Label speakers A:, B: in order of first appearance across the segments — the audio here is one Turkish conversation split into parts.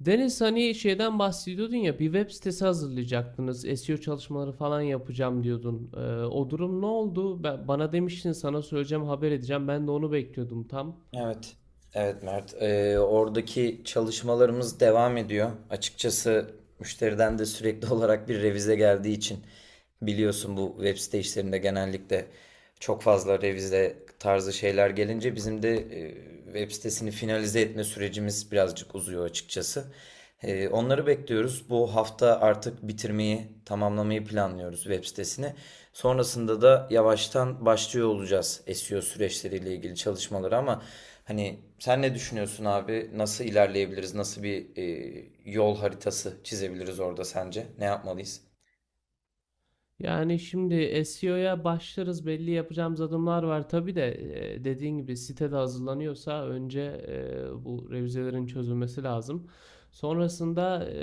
A: Deniz hani şeyden bahsediyordun ya, bir web sitesi hazırlayacaktınız. SEO çalışmaları falan yapacağım diyordun. O durum ne oldu? Bana demiştin sana söyleyeceğim, haber edeceğim. Ben de onu bekliyordum tam.
B: Evet. Evet Mert. Oradaki çalışmalarımız devam ediyor. Açıkçası müşteriden de sürekli olarak bir revize geldiği için biliyorsun bu web site işlerinde genellikle çok fazla revize tarzı şeyler gelince bizim de web sitesini finalize etme sürecimiz birazcık uzuyor açıkçası. Onları bekliyoruz. Bu hafta artık bitirmeyi, tamamlamayı planlıyoruz web sitesini. Sonrasında da yavaştan başlıyor olacağız SEO süreçleriyle ilgili çalışmaları ama hani sen ne düşünüyorsun abi? Nasıl ilerleyebiliriz? Nasıl bir yol haritası çizebiliriz orada sence? Ne yapmalıyız?
A: Yani şimdi SEO'ya başlarız, belli yapacağımız adımlar var. Tabii de dediğin gibi sitede hazırlanıyorsa önce bu revizelerin çözülmesi lazım. Sonrasında e,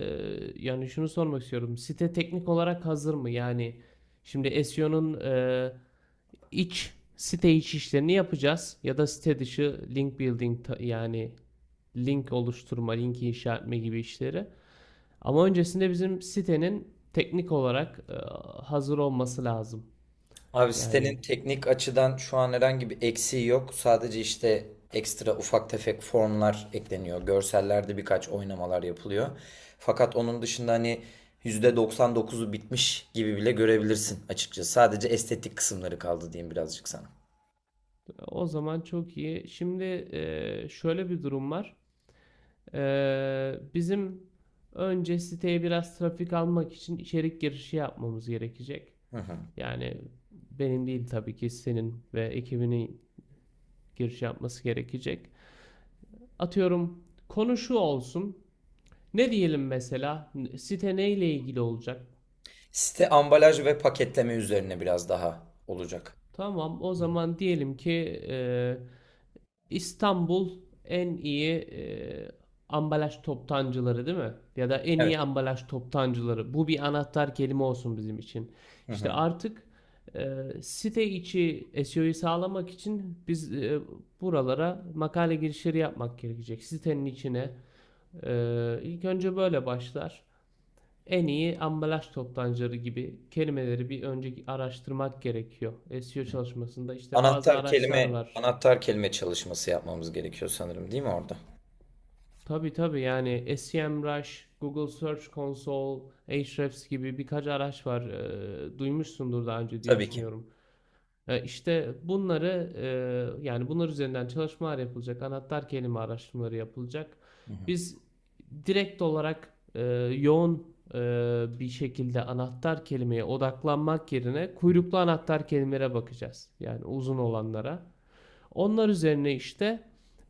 A: Yani şunu sormak istiyorum. Site teknik olarak hazır mı? Yani şimdi iç içi işlerini yapacağız. Ya da site dışı link building, yani link oluşturma, link inşa etme gibi işleri. Ama öncesinde bizim sitenin teknik olarak hazır olması lazım.
B: Abi sitenin
A: Yani
B: teknik açıdan şu an herhangi bir eksiği yok. Sadece işte ekstra ufak tefek formlar ekleniyor. Görsellerde birkaç oynamalar yapılıyor. Fakat onun dışında hani %99'u bitmiş gibi bile görebilirsin açıkçası. Sadece estetik kısımları kaldı diyeyim birazcık sana.
A: o zaman çok iyi. Şöyle bir durum var. E, Bizim önce siteye biraz trafik almak için içerik girişi yapmamız gerekecek.
B: Hı hı.
A: Yani benim değil, tabii ki senin ve ekibinin giriş yapması gerekecek. Atıyorum konu şu olsun. Ne diyelim mesela? Site neyle ilgili olacak?
B: Site ambalaj ve paketleme üzerine biraz daha olacak.
A: Tamam, o zaman diyelim ki e, İstanbul en iyi ambalaj toptancıları, değil mi? Ya da en
B: Evet.
A: iyi ambalaj toptancıları. Bu bir anahtar kelime olsun bizim için.
B: Hı
A: İşte
B: hı.
A: artık e, site içi SEO'yu sağlamak için buralara makale girişleri yapmak gerekecek. Sitenin içine. İlk önce böyle başlar. En iyi ambalaj toptancıları gibi kelimeleri bir önceki araştırmak gerekiyor. SEO çalışmasında işte bazı
B: Anahtar
A: araçlar
B: kelime,
A: var.
B: anahtar kelime çalışması yapmamız gerekiyor sanırım, değil mi orada?
A: Tabi tabi, yani SEMrush, Google Search Console, Ahrefs gibi birkaç araç var. Duymuşsundur daha önce diye
B: Tabii ki.
A: düşünüyorum. İşte bunları, yani bunlar üzerinden çalışmalar yapılacak, anahtar kelime araştırmaları yapılacak.
B: Hı hı.
A: Biz direkt olarak yoğun bir şekilde anahtar kelimeye odaklanmak yerine kuyruklu anahtar kelimelere bakacağız. Yani uzun olanlara. Onlar üzerine işte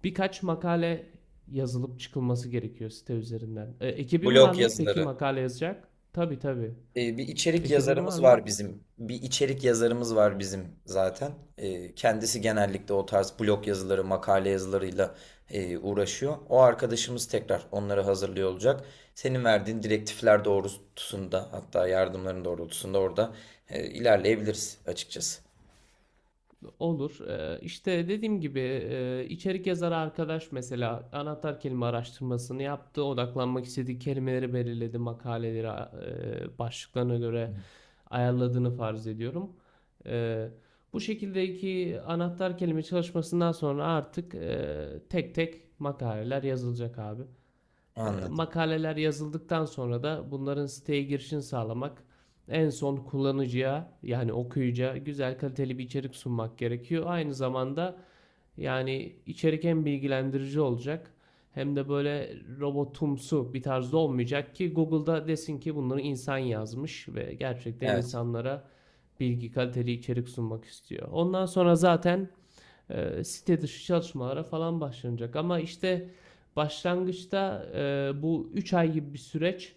A: birkaç makale yazılıp çıkılması gerekiyor site üzerinden. Ekibin var
B: Blog
A: mı peki
B: yazıları.
A: makale yazacak? Tabii tabii.
B: Bir içerik
A: Ekibin var
B: yazarımız
A: mı?
B: var bizim. Bir içerik yazarımız var bizim zaten. Kendisi genellikle o tarz blog yazıları, makale yazılarıyla uğraşıyor. O arkadaşımız tekrar onları hazırlıyor olacak. Senin verdiğin direktifler doğrultusunda hatta yardımların doğrultusunda orada ilerleyebiliriz açıkçası.
A: Olur. İşte dediğim gibi, içerik yazarı arkadaş mesela anahtar kelime araştırmasını yaptı. Odaklanmak istediği kelimeleri belirledi. Makaleleri başlıklarına göre ayarladığını farz ediyorum. Ee, Bu şekildeki anahtar kelime çalışmasından sonra artık tek tek makaleler yazılacak abi.
B: Anladım.
A: Makaleler yazıldıktan sonra da bunların siteye girişini sağlamak, en son kullanıcıya yani okuyucuya güzel, kaliteli bir içerik sunmak gerekiyor. Aynı zamanda yani içerik hem bilgilendirici olacak hem de böyle robotumsu bir tarzda olmayacak ki Google'da desin ki bunları insan yazmış ve gerçekten
B: Evet.
A: insanlara bilgi, kaliteli içerik sunmak istiyor. Ondan sonra zaten site dışı çalışmalara falan başlanacak. Ama işte başlangıçta bu 3 ay gibi bir süreç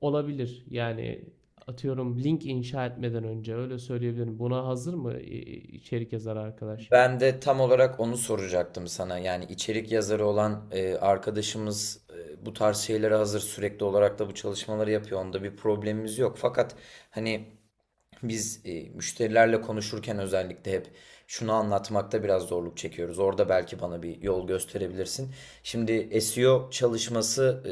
A: olabilir. Yani atıyorum, link inşa etmeden önce öyle söyleyebilirim. Buna hazır mı içerik yazarı arkadaş?
B: Ben de tam olarak onu soracaktım sana. Yani içerik yazarı olan arkadaşımız bu tarz şeylere hazır sürekli olarak da bu çalışmaları yapıyor. Onda bir problemimiz yok. Fakat hani biz müşterilerle konuşurken özellikle hep şunu anlatmakta biraz zorluk çekiyoruz. Orada belki bana bir yol gösterebilirsin. Şimdi SEO çalışması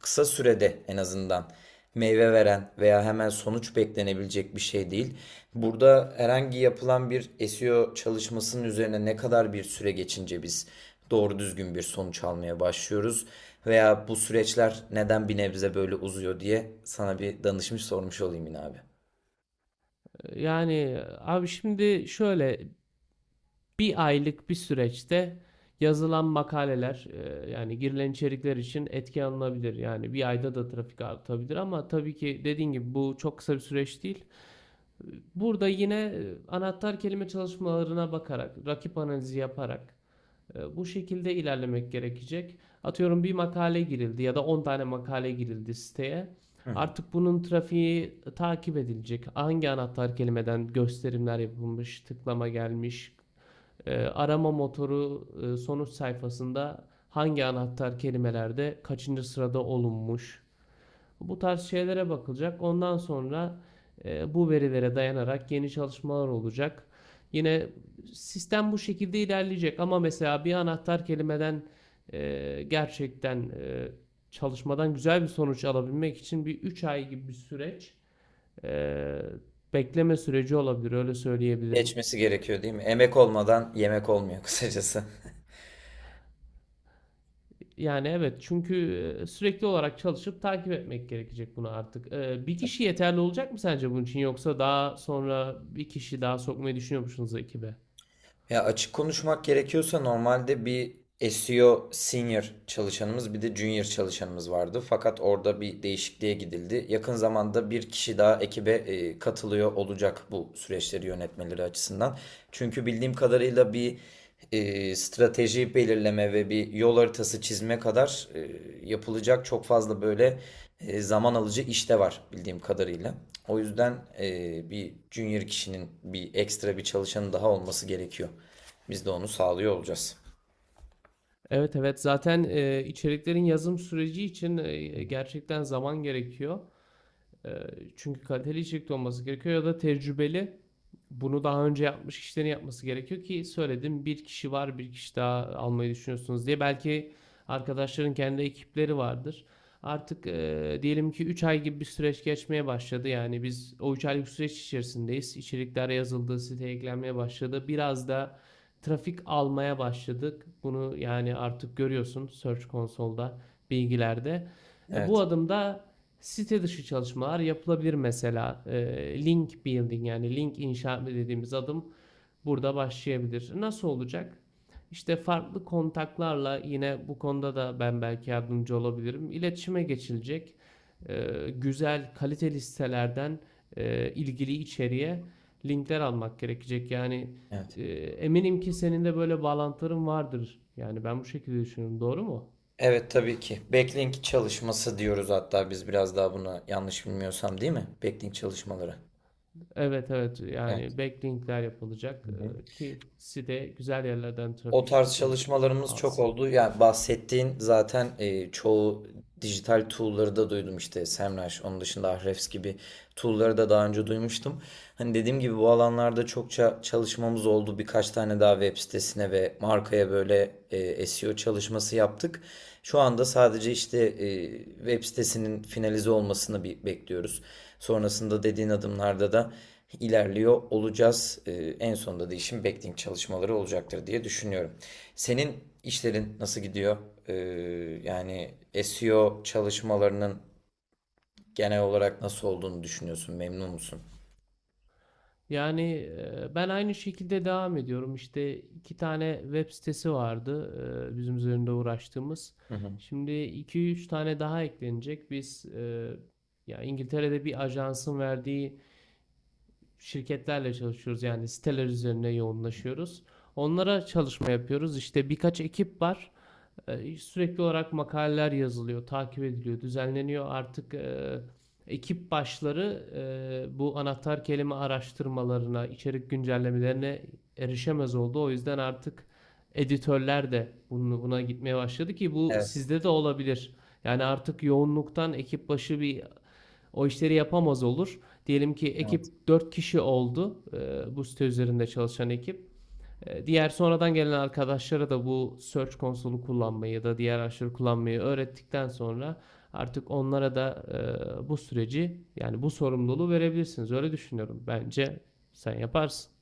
B: kısa sürede en azından meyve veren veya hemen sonuç beklenebilecek bir şey değil. Burada herhangi yapılan bir SEO çalışmasının üzerine ne kadar bir süre geçince biz doğru düzgün bir sonuç almaya başlıyoruz veya bu süreçler neden bir nebze böyle uzuyor diye sana bir danışmış sormuş olayım yine abi.
A: Yani abi şimdi şöyle, bir aylık bir süreçte yazılan makaleler, yani girilen içerikler için etki alınabilir. Yani bir ayda da trafik artabilir ama tabii ki dediğin gibi bu çok kısa bir süreç değil. Burada yine anahtar kelime çalışmalarına bakarak, rakip analizi yaparak, bu şekilde ilerlemek gerekecek. Atıyorum bir makale girildi ya da 10 tane makale girildi siteye.
B: Hı hı.
A: Artık bunun trafiği takip edilecek. Hangi anahtar kelimeden gösterimler yapılmış, tıklama gelmiş, arama motoru sonuç sayfasında hangi anahtar kelimelerde kaçıncı sırada olunmuş, bu tarz şeylere bakılacak. Ondan sonra bu verilere dayanarak yeni çalışmalar olacak. Yine sistem bu şekilde ilerleyecek ama mesela bir anahtar kelimeden gerçekten çalışmadan güzel bir sonuç alabilmek için bir 3 ay gibi bir süreç e, bekleme süreci olabilir, öyle söyleyebilirim.
B: Geçmesi gerekiyor değil mi? Emek olmadan yemek olmuyor kısacası.
A: Yani evet, çünkü sürekli olarak çalışıp takip etmek gerekecek bunu artık. Bir kişi yeterli olacak mı sence bunun için, yoksa daha sonra bir kişi daha sokmayı düşünüyor musunuz ekibe?
B: Ya açık konuşmak gerekiyorsa normalde bir SEO senior çalışanımız bir de junior çalışanımız vardı. Fakat orada bir değişikliğe gidildi. Yakın zamanda bir kişi daha ekibe katılıyor olacak bu süreçleri yönetmeleri açısından. Çünkü bildiğim kadarıyla bir strateji belirleme ve bir yol haritası çizme kadar yapılacak çok fazla böyle zaman alıcı iş de var bildiğim kadarıyla. O yüzden bir junior kişinin bir ekstra bir çalışanı daha olması gerekiyor. Biz de onu sağlıyor olacağız.
A: Evet evet, zaten içeriklerin yazım süreci için gerçekten zaman gerekiyor. E, Çünkü kaliteli içerik de olması gerekiyor ya da tecrübeli, bunu daha önce yapmış kişilerin yapması gerekiyor ki söyledim bir kişi var, bir kişi daha almayı düşünüyorsunuz diye. Belki arkadaşların kendi ekipleri vardır. Artık diyelim ki 3 ay gibi bir süreç geçmeye başladı. Yani biz o 3 aylık süreç içerisindeyiz. İçerikler yazıldı, siteye eklenmeye başladı. Biraz da trafik almaya başladık. Bunu yani artık görüyorsun Search Console'da, bilgilerde. Bu
B: Evet,
A: adımda site dışı çalışmalar yapılabilir mesela. Link building, yani link inşa dediğimiz adım burada başlayabilir. Nasıl olacak? İşte farklı kontaklarla, yine bu konuda da ben belki yardımcı olabilirim, İletişime geçilecek. Ee, Güzel, kaliteli sitelerden ilgili içeriğe linkler almak gerekecek. Yani
B: evet.
A: eminim ki senin de böyle bağlantıların vardır. Yani ben bu şekilde düşünüyorum. Doğru mu?
B: Evet tabii ki. Backlink çalışması diyoruz hatta biz biraz daha buna yanlış bilmiyorsam değil mi? Backlink çalışmaları.
A: Evet evet,
B: Evet.
A: yani backlinkler yapılacak
B: Hı hı.
A: ki site güzel yerlerden
B: O
A: trafik
B: tarz çalışmalarımız çok
A: alsın.
B: oldu. Yani bahsettiğin zaten çoğu dijital tool'ları da duydum işte Semrush, onun dışında Ahrefs gibi tool'ları da daha önce duymuştum. Hani dediğim gibi bu alanlarda çokça çalışmamız oldu. Birkaç tane daha web sitesine ve markaya böyle SEO çalışması yaptık. Şu anda sadece işte web sitesinin finalize olmasını bir bekliyoruz. Sonrasında dediğin adımlarda da ilerliyor olacağız. En sonunda da işin backlink çalışmaları olacaktır diye düşünüyorum. Senin işlerin nasıl gidiyor? Ee, yani SEO çalışmalarının genel olarak nasıl olduğunu düşünüyorsun? Memnun musun?
A: Yani ben aynı şekilde devam ediyorum. İşte iki tane web sitesi vardı bizim üzerinde uğraştığımız.
B: Hı hı.
A: Şimdi iki üç tane daha eklenecek. Ya İngiltere'de bir ajansın verdiği şirketlerle çalışıyoruz. Yani siteler üzerine yoğunlaşıyoruz. Onlara çalışma yapıyoruz. İşte birkaç ekip var. Sürekli olarak makaleler yazılıyor, takip ediliyor, düzenleniyor. Artık ekip başları bu anahtar kelime araştırmalarına, içerik güncellemelerine erişemez oldu. O yüzden artık editörler de buna gitmeye başladı ki bu
B: Evet.
A: sizde de olabilir. Yani artık yoğunluktan ekip başı bir o işleri yapamaz olur. Diyelim ki
B: Evet.
A: ekip 4 kişi oldu. Bu site üzerinde çalışan ekip. Diğer sonradan gelen arkadaşlara da bu Search konsolu kullanmayı ya da diğer araçları kullanmayı öğrettikten sonra artık onlara da bu süreci, yani bu sorumluluğu verebilirsiniz. Öyle düşünüyorum. Bence sen yaparsın.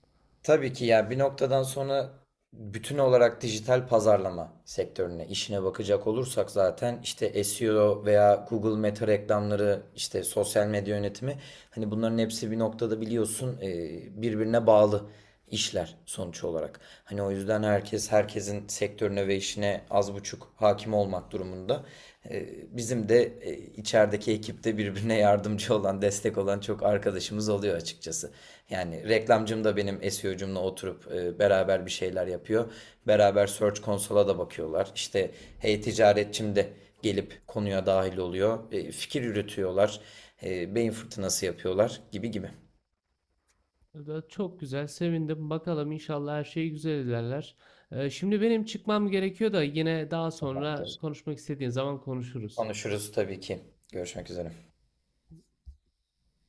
B: Tabii ki yani bir noktadan sonra bütün olarak dijital pazarlama sektörüne işine bakacak olursak zaten işte SEO veya Google Meta reklamları işte sosyal medya yönetimi hani bunların hepsi bir noktada biliyorsun birbirine bağlı işler sonuç olarak. Hani o yüzden herkes herkesin sektörüne ve işine az buçuk hakim olmak durumunda. Bizim de içerideki ekipte birbirine yardımcı olan, destek olan çok arkadaşımız oluyor açıkçası. Yani reklamcım da benim SEO'cumla oturup beraber bir şeyler yapıyor. Beraber Search Console'a da bakıyorlar. İşte hey ticaretçim de gelip konuya dahil oluyor. Fikir üretiyorlar. Beyin fırtınası yapıyorlar gibi gibi.
A: Da çok güzel, sevindim. Bakalım, inşallah her şey güzel ilerler. Şimdi benim çıkmam gerekiyor da, yine daha sonra
B: Tamamdır.
A: konuşmak istediğin zaman konuşuruz.
B: Konuşuruz tabii ki. Görüşmek üzere.